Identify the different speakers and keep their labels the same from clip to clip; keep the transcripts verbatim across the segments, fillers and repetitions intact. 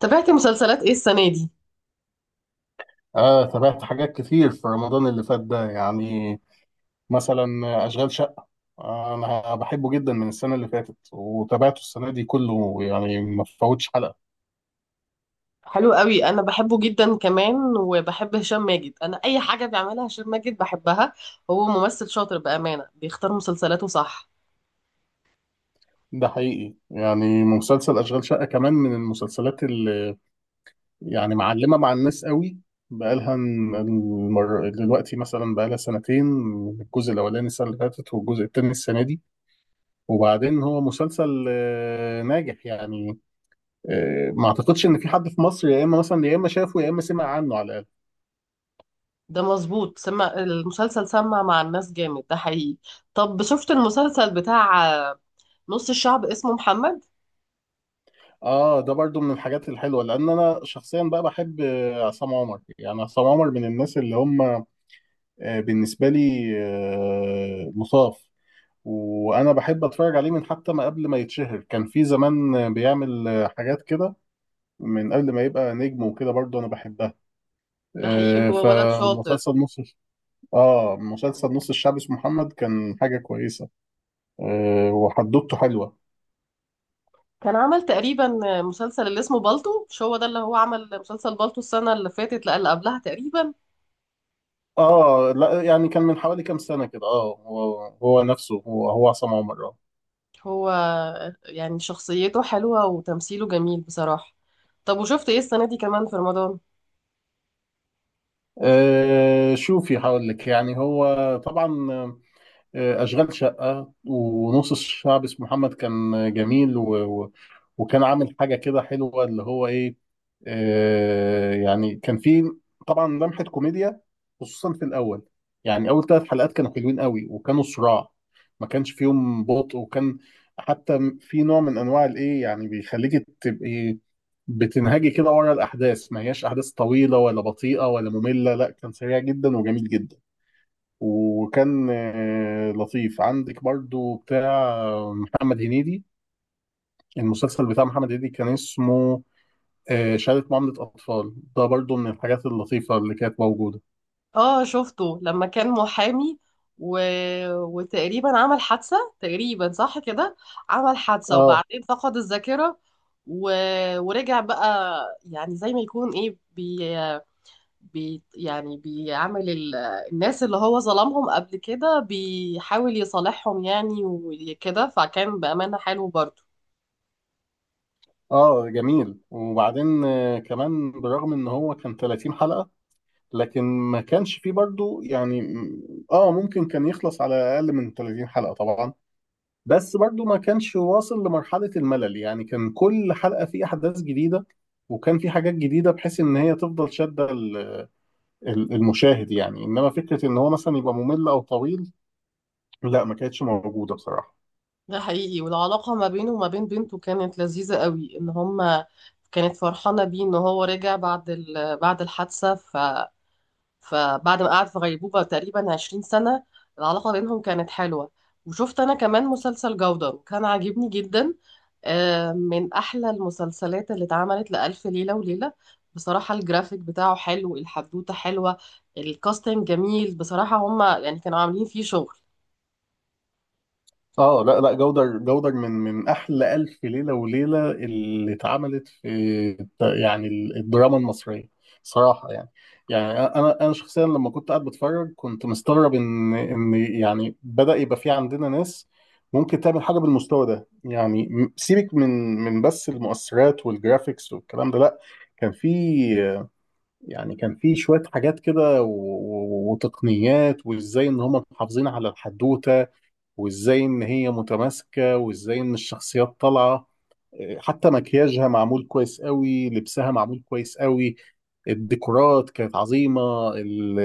Speaker 1: تابعتي مسلسلات ايه السنة دي؟
Speaker 2: آه، تابعت حاجات كتير في رمضان اللي فات ده. يعني مثلا، أشغال شقة. آه، أنا بحبه جدا من السنة اللي فاتت وتابعته السنة دي كله، يعني ما فوتش حلقة.
Speaker 1: حلو قوي انا بحبه جدا كمان وبحب هشام ماجد. انا اي حاجة بيعملها هشام ماجد بحبها. هو ممثل شاطر بأمانة، بيختار مسلسلاته صح.
Speaker 2: ده حقيقي، يعني مسلسل أشغال شقة كمان من المسلسلات اللي يعني معلمة مع الناس قوي. بقالها المر... دلوقتي مثلا بقالها سنتين. الجزء الأولاني السنة اللي فاتت والجزء التاني السنة دي. وبعدين هو مسلسل آه، ناجح يعني. آه، ما اعتقدش ان في حد في مصر، يا اما مثلا يا اما شافه، يا اما سمع عنه على الاقل.
Speaker 1: ده مظبوط، سمع المسلسل سمع مع الناس جامد، ده حقيقي. طب شفت المسلسل بتاع آه، نص الشعب اسمه محمد؟
Speaker 2: اه، ده برضو من الحاجات الحلوه، لان انا شخصيا بقى بحب آه، عصام عمر. يعني عصام عمر من الناس اللي هم آه، بالنسبه لي آه، مصاف. وانا بحب اتفرج عليه من حتى ما قبل ما يتشهر. كان في زمان آه، بيعمل آه، حاجات كده. من قبل ما يبقى نجم وكده، برضو انا بحبها.
Speaker 1: ده حقيقي،
Speaker 2: آه،
Speaker 1: هو ولد شاطر.
Speaker 2: فمسلسل نص اه مسلسل نص الشعب اسمه محمد كان حاجه كويسه. آه، وحدوته حلوه.
Speaker 1: كان عمل تقريبا مسلسل اللي اسمه بالطو. مش هو ده اللي هو عمل مسلسل بالطو السنة اللي فاتت؟ لا اللي قبلها تقريبا.
Speaker 2: اه لا، يعني كان من حوالي كام سنة كده. اه هو هو نفسه، هو هو عصام عمر اه
Speaker 1: هو يعني شخصيته حلوة وتمثيله جميل بصراحة. طب وشفت ايه السنة دي كمان في رمضان؟
Speaker 2: آه، شوفي هقول لك. يعني هو طبعا آه، أشغال شقة ونص الشعب اسمه محمد كان جميل و... و... وكان عامل حاجة كده حلوة، اللي هو إيه. آه يعني كان في طبعا لمحة كوميديا، خصوصا في الأول. يعني أول ثلاث حلقات كانوا حلوين قوي، وكانوا صراع. ما كانش فيهم بطء. وكان حتى في نوع من أنواع الإيه، يعني بيخليك تبقي بتنهجي كده ورا الأحداث. ما هياش أحداث طويلة ولا بطيئة ولا مملة. لا، كان سريع جدا وجميل جدا. وكان آه، لطيف. عندك برضو بتاع آه، محمد هنيدي. المسلسل بتاع محمد هنيدي كان اسمه آه، شهادة معاملة أطفال. ده برضو من الحاجات اللطيفة اللي كانت موجودة.
Speaker 1: اه شفته لما كان محامي و... وتقريبا عمل حادثة، تقريبا صح كده، عمل حادثة
Speaker 2: اه،
Speaker 1: وبعدين فقد الذاكرة و... ورجع بقى، يعني زي ما يكون ايه بي... بي... يعني بيعمل ال... الناس اللي هو ظلمهم قبل كده بيحاول يصالحهم يعني وكده، فكان بأمانة حلو برضه.
Speaker 2: اه، جميل. وبعدين آه، كمان، بالرغم ان هو كان 30 حلقة، لكن ما كانش فيه برضو، يعني م- اه ممكن كان يخلص على اقل من 30 حلقة طبعا. بس برضو ما كانش واصل لمرحلة الملل. يعني كان كل حلقة في أحداث جديدة، وكان في حاجات جديدة بحيث إن هي تفضل شادة ال- ال- المشاهد. يعني إنما فكرة إن هو مثلا يبقى ممل أو طويل، لا، ما كانتش موجودة بصراحة.
Speaker 1: ده حقيقي، والعلاقة ما بينه وما بين بنته كانت لذيذة قوي، ان هما كانت فرحانة بيه ان هو رجع بعد ال... بعد الحادثة، ف... فبعد ما قعد في غيبوبة تقريبا عشرين سنة، العلاقة بينهم كانت حلوة. وشفت انا كمان مسلسل جودة وكان عاجبني جدا. آه، من احلى المسلسلات اللي اتعملت لألف ليلة وليلة. بصراحة الجرافيك بتاعه حلو، الحدوتة حلوة، الكاستنج جميل بصراحة، هما يعني كانوا عاملين فيه شغل.
Speaker 2: اه لا، لا، جودر، جودر من من احلى الف ليله وليله اللي اتعملت في الت- يعني ال- الدراما المصريه صراحه، يعني. يعني انا انا شخصيا لما كنت قاعد بتفرج، كنت مستغرب ان ان يعني بدا يبقى في عندنا ناس ممكن تعمل حاجه بالمستوى ده. يعني م- سيبك من من بس المؤثرات والجرافيكس والكلام ده. لا، كان في يعني كان في شويه حاجات كده و- و- وتقنيات، وازاي ان هم محافظين على الحدوته، وازاي ان هي متماسكه، وازاي ان الشخصيات طالعه. حتى مكياجها معمول كويس قوي، لبسها معمول كويس قوي. الديكورات كانت عظيمه. ال-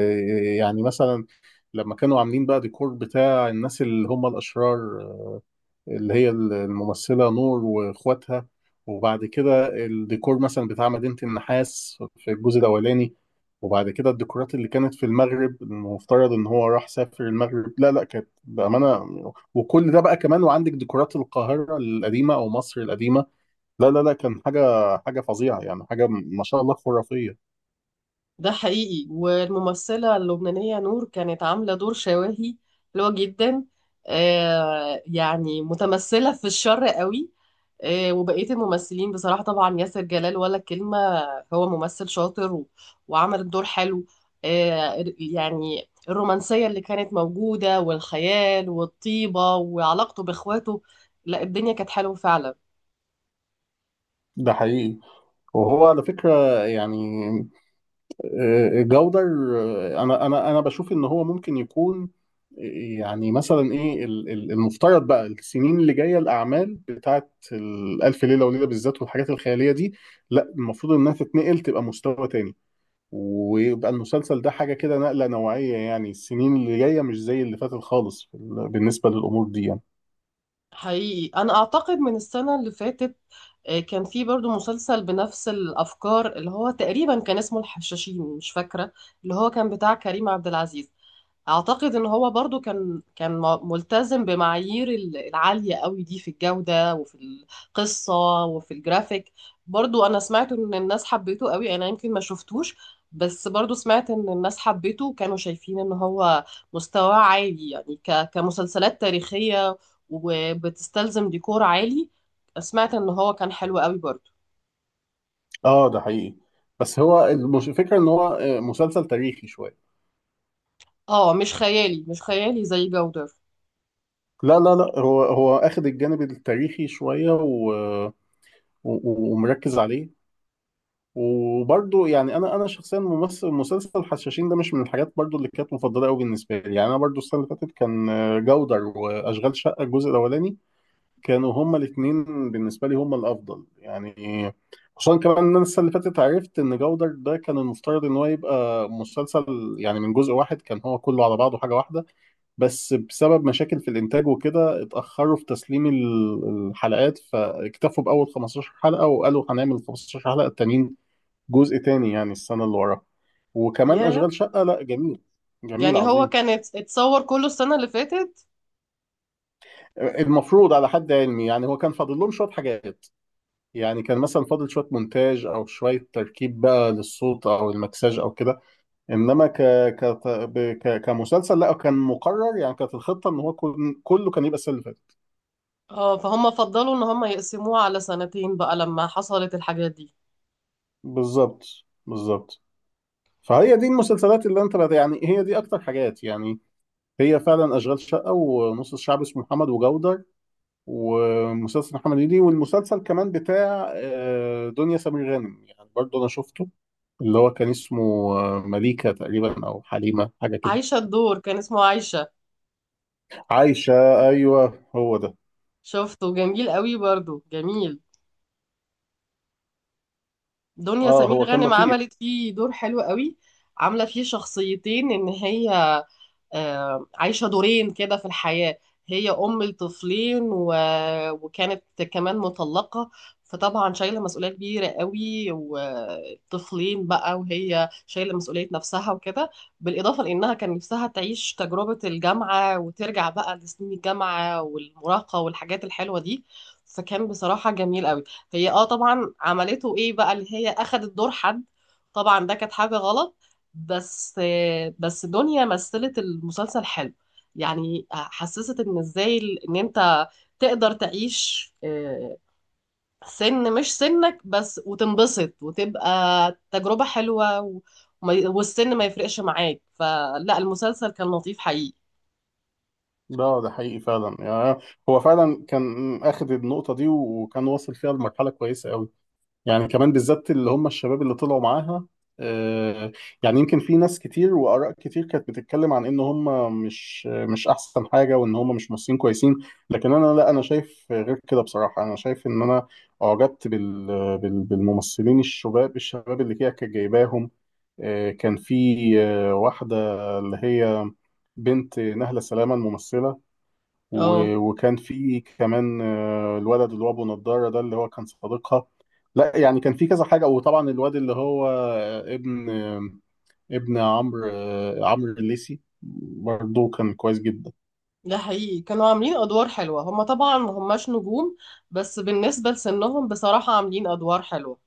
Speaker 2: يعني مثلا، لما كانوا عاملين بقى ديكور بتاع الناس اللي هم الاشرار، اللي هي الممثلة نور واخواتها. وبعد كده الديكور مثلا بتاع مدينة النحاس في الجزء الأولاني. وبعد كده الديكورات اللي كانت في المغرب، المفترض إن هو راح سافر المغرب. لا، لا، كانت بأمانة. وكل ده بقى كمان، وعندك ديكورات القاهرة القديمة أو مصر القديمة. لا، لا، لا، كان حاجة حاجة فظيعة. يعني حاجة ما شاء الله خرافية.
Speaker 1: ده حقيقي، والممثلة اللبنانية نور كانت عاملة دور شواهي حلوة جدا. آه يعني متمثلة في الشر قوي. آه، وبقية الممثلين بصراحة، طبعا ياسر جلال ولا كلمة، هو ممثل شاطر و- وعمل الدور حلو. آه يعني الرومانسية اللي كانت موجودة والخيال والطيبة وعلاقته بإخواته، لا الدنيا كانت حلوة فعلا.
Speaker 2: ده حقيقي. وهو على فكرة يعني، آه، جودر، آه، انا انا انا بشوف ان هو ممكن يكون، آه، يعني مثلا ايه ال- ال- المفترض بقى السنين اللي جايه، الاعمال بتاعت ال- الف ليله وليله بالذات والحاجات الخياليه دي. لا، المفروض انها تتنقل تبقى مستوى تاني، ويبقى المسلسل ده حاجه كده نقله نوعيه. يعني السنين اللي جايه مش زي اللي فاتت خالص في ال- بالنسبه للامور دي، يعني.
Speaker 1: حقيقي انا اعتقد من السنه اللي فاتت آه، كان في برضو مسلسل بنفس الافكار اللي هو تقريبا كان اسمه الحشاشين، مش فاكره، اللي هو كان بتاع كريم عبد العزيز. اعتقد ان هو برضو كان كان م- ملتزم بمعايير ال- العالية قوي دي في الجودة وفي القصة وفي الجرافيك. برضو انا سمعت ان الناس حبيته قوي، انا يمكن ما شفتوش، بس برضو سمعت ان الناس حبيته وكانوا شايفين ان هو مستواه عالي يعني ك- كمسلسلات تاريخية وبتستلزم ديكور عالي. سمعت ان هو كان حلو قوي برضو.
Speaker 2: اه، ده حقيقي. بس هو المش- الفكره ان هو آه، مسلسل تاريخي شويه.
Speaker 1: اه مش خيالي، مش خيالي زي جودر.
Speaker 2: لا، لا، لا، هو هو اخد الجانب التاريخي شويه، و و- و- ومركز عليه. وبرضه يعني انا انا شخصيا، ممثل مسلسل حشاشين ده مش من الحاجات برضه اللي كانت مفضله قوي بالنسبه لي. يعني انا برضه السنه اللي فاتت كان آه، جودر واشغال شقه الجزء الاولاني. كانوا هما الاثنين بالنسبه لي هما الافضل، يعني. خصوصا كمان ان انا السنه اللي فاتت عرفت ان جودر ده كان المفترض ان هو يبقى مسلسل، يعني من جزء واحد. كان هو كله على بعضه حاجه واحده. بس بسبب مشاكل في الانتاج وكده، اتاخروا في تسليم ال- الحلقات، فاكتفوا باول خمسة عشر حلقة حلقه وقالوا هنعمل خمسة عشر حلقة حلقه التانيين، جزء تاني، يعني السنه اللي وراها. وكمان
Speaker 1: ياه،
Speaker 2: اشغال شقه، لا جميل. جميل
Speaker 1: يعني هو
Speaker 2: عظيم.
Speaker 1: كان ات- اتصور كله السنة اللي فاتت.
Speaker 2: المفروض على حد علمي، يعني هو كان فاضل لهم شويه حاجات. يعني كان مثلا فاضل شويه مونتاج او شويه تركيب بقى للصوت او المكساج او كده. انما ك... ك... ب- ك... كمسلسل، لا، كان مقرر، يعني كانت الخطه ان هو كل... كله كان يبقى السنه اللي فاتت.
Speaker 1: اه فهم فضلوا ان هم يقسموه على سنتين بقى لما حصلت الحاجات دي.
Speaker 2: بالظبط. بالظبط. فهي دي المسلسلات اللي انت بت- يعني هي دي اكتر حاجات، يعني. هي فعلا اشغال شقه ونص الشعب اسمه محمد وجودر، ومسلسل محمد هنيدي، والمسلسل كمان بتاع آه، دنيا سمير غانم يعني، برضه انا شفته. اللي هو كان اسمه آه، مليكه تقريبا، او حليمه، حاجه كده.
Speaker 1: عايشة، الدور كان اسمه عايشة.
Speaker 2: عايشه، ايوه هو ده.
Speaker 1: شفته جميل قوي برضو، جميل. دنيا
Speaker 2: اه،
Speaker 1: سمير
Speaker 2: هو كان
Speaker 1: غانم
Speaker 2: لطيف.
Speaker 1: عملت فيه دور حلو قوي. عاملة فيه شخصيتين، ان هي آه، عايشة دورين كده في الحياة. هي أم لطفلين و... وكانت كمان مطلقة. فطبعا شايلة مسؤولية كبيرة قوي وطفلين بقى وهي شايلة مسؤولية نفسها وكده، بالإضافة لأنها كان نفسها تعيش تجربة الجامعة وترجع بقى لسنين الجامعة والمراهقة والحاجات الحلوة دي، فكان بصراحة جميل قوي. هي اه طبعا عملته ايه بقى، اللي هي أخدت دور حد، طبعا ده كانت حاجة غلط، بس بس دنيا مثلت المسلسل حلو، يعني حسست ان ازاي ال- ان انت تقدر تعيش آه، سن مش سنك بس وتنبسط وتبقى تجربة حلوة و- وما- والسن ما يفرقش معاك، فلا المسلسل كان لطيف حقيقي.
Speaker 2: ده ده حقيقي فعلا، يعني. هو فعلا كان اخد النقطه دي وكان واصل فيها لمرحله كويسه قوي. يعني كمان بالذات اللي هم الشباب اللي طلعوا معاها. آه، يعني يمكن في ناس كتير وآراء كتير كانت بتتكلم عن ان هم مش مش احسن حاجة، وان هم مش ممثلين كويسين. لكن انا، لا، انا شايف غير كده بصراحة. انا شايف ان انا اعجبت بال بال- بالممثلين الشباب الشباب اللي هي كانت جايباهم. آه، كان في آه، واحدة، اللي هي بنت نهلة سلامة الممثلة.
Speaker 1: اه
Speaker 2: و- وكان في كمان آه، الولد اللي هو ابو نضاره ده، اللي هو كان صديقها. لا، يعني كان في كذا حاجه. وطبعا الواد اللي هو آه، ابن، آه، ابن عمرو، آه، عمرو الليثي، برضه كان كويس جدا.
Speaker 1: ده حقيقي، كانوا عاملين ادوار حلوة، هما طبعا ما هماش نجوم، بس بالنسبة لسنهم بصراحة عاملين ادوار حلوة.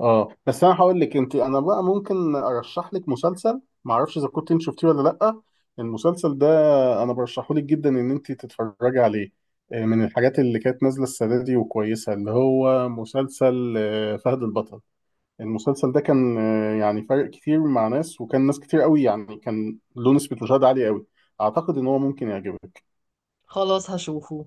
Speaker 2: اه، بس انا هقول لك انت، انا بقى ممكن ارشح لك مسلسل، ما اعرفش اذا كنت انت شفتيه ولا لا. المسلسل ده، انا برشحه لك جدا ان انت تتفرجي عليه. آه، من الحاجات اللي كانت نازله السنه دي وكويسه، اللي هو مسلسل آه، فهد البطل. المسلسل ده كان آه، يعني فرق كتير مع ناس، وكان ناس كتير قوي، يعني كان له نسبة مشاهدة عالية قوي. أعتقد إن هو ممكن يعجبك.
Speaker 1: خلاص هشوفه.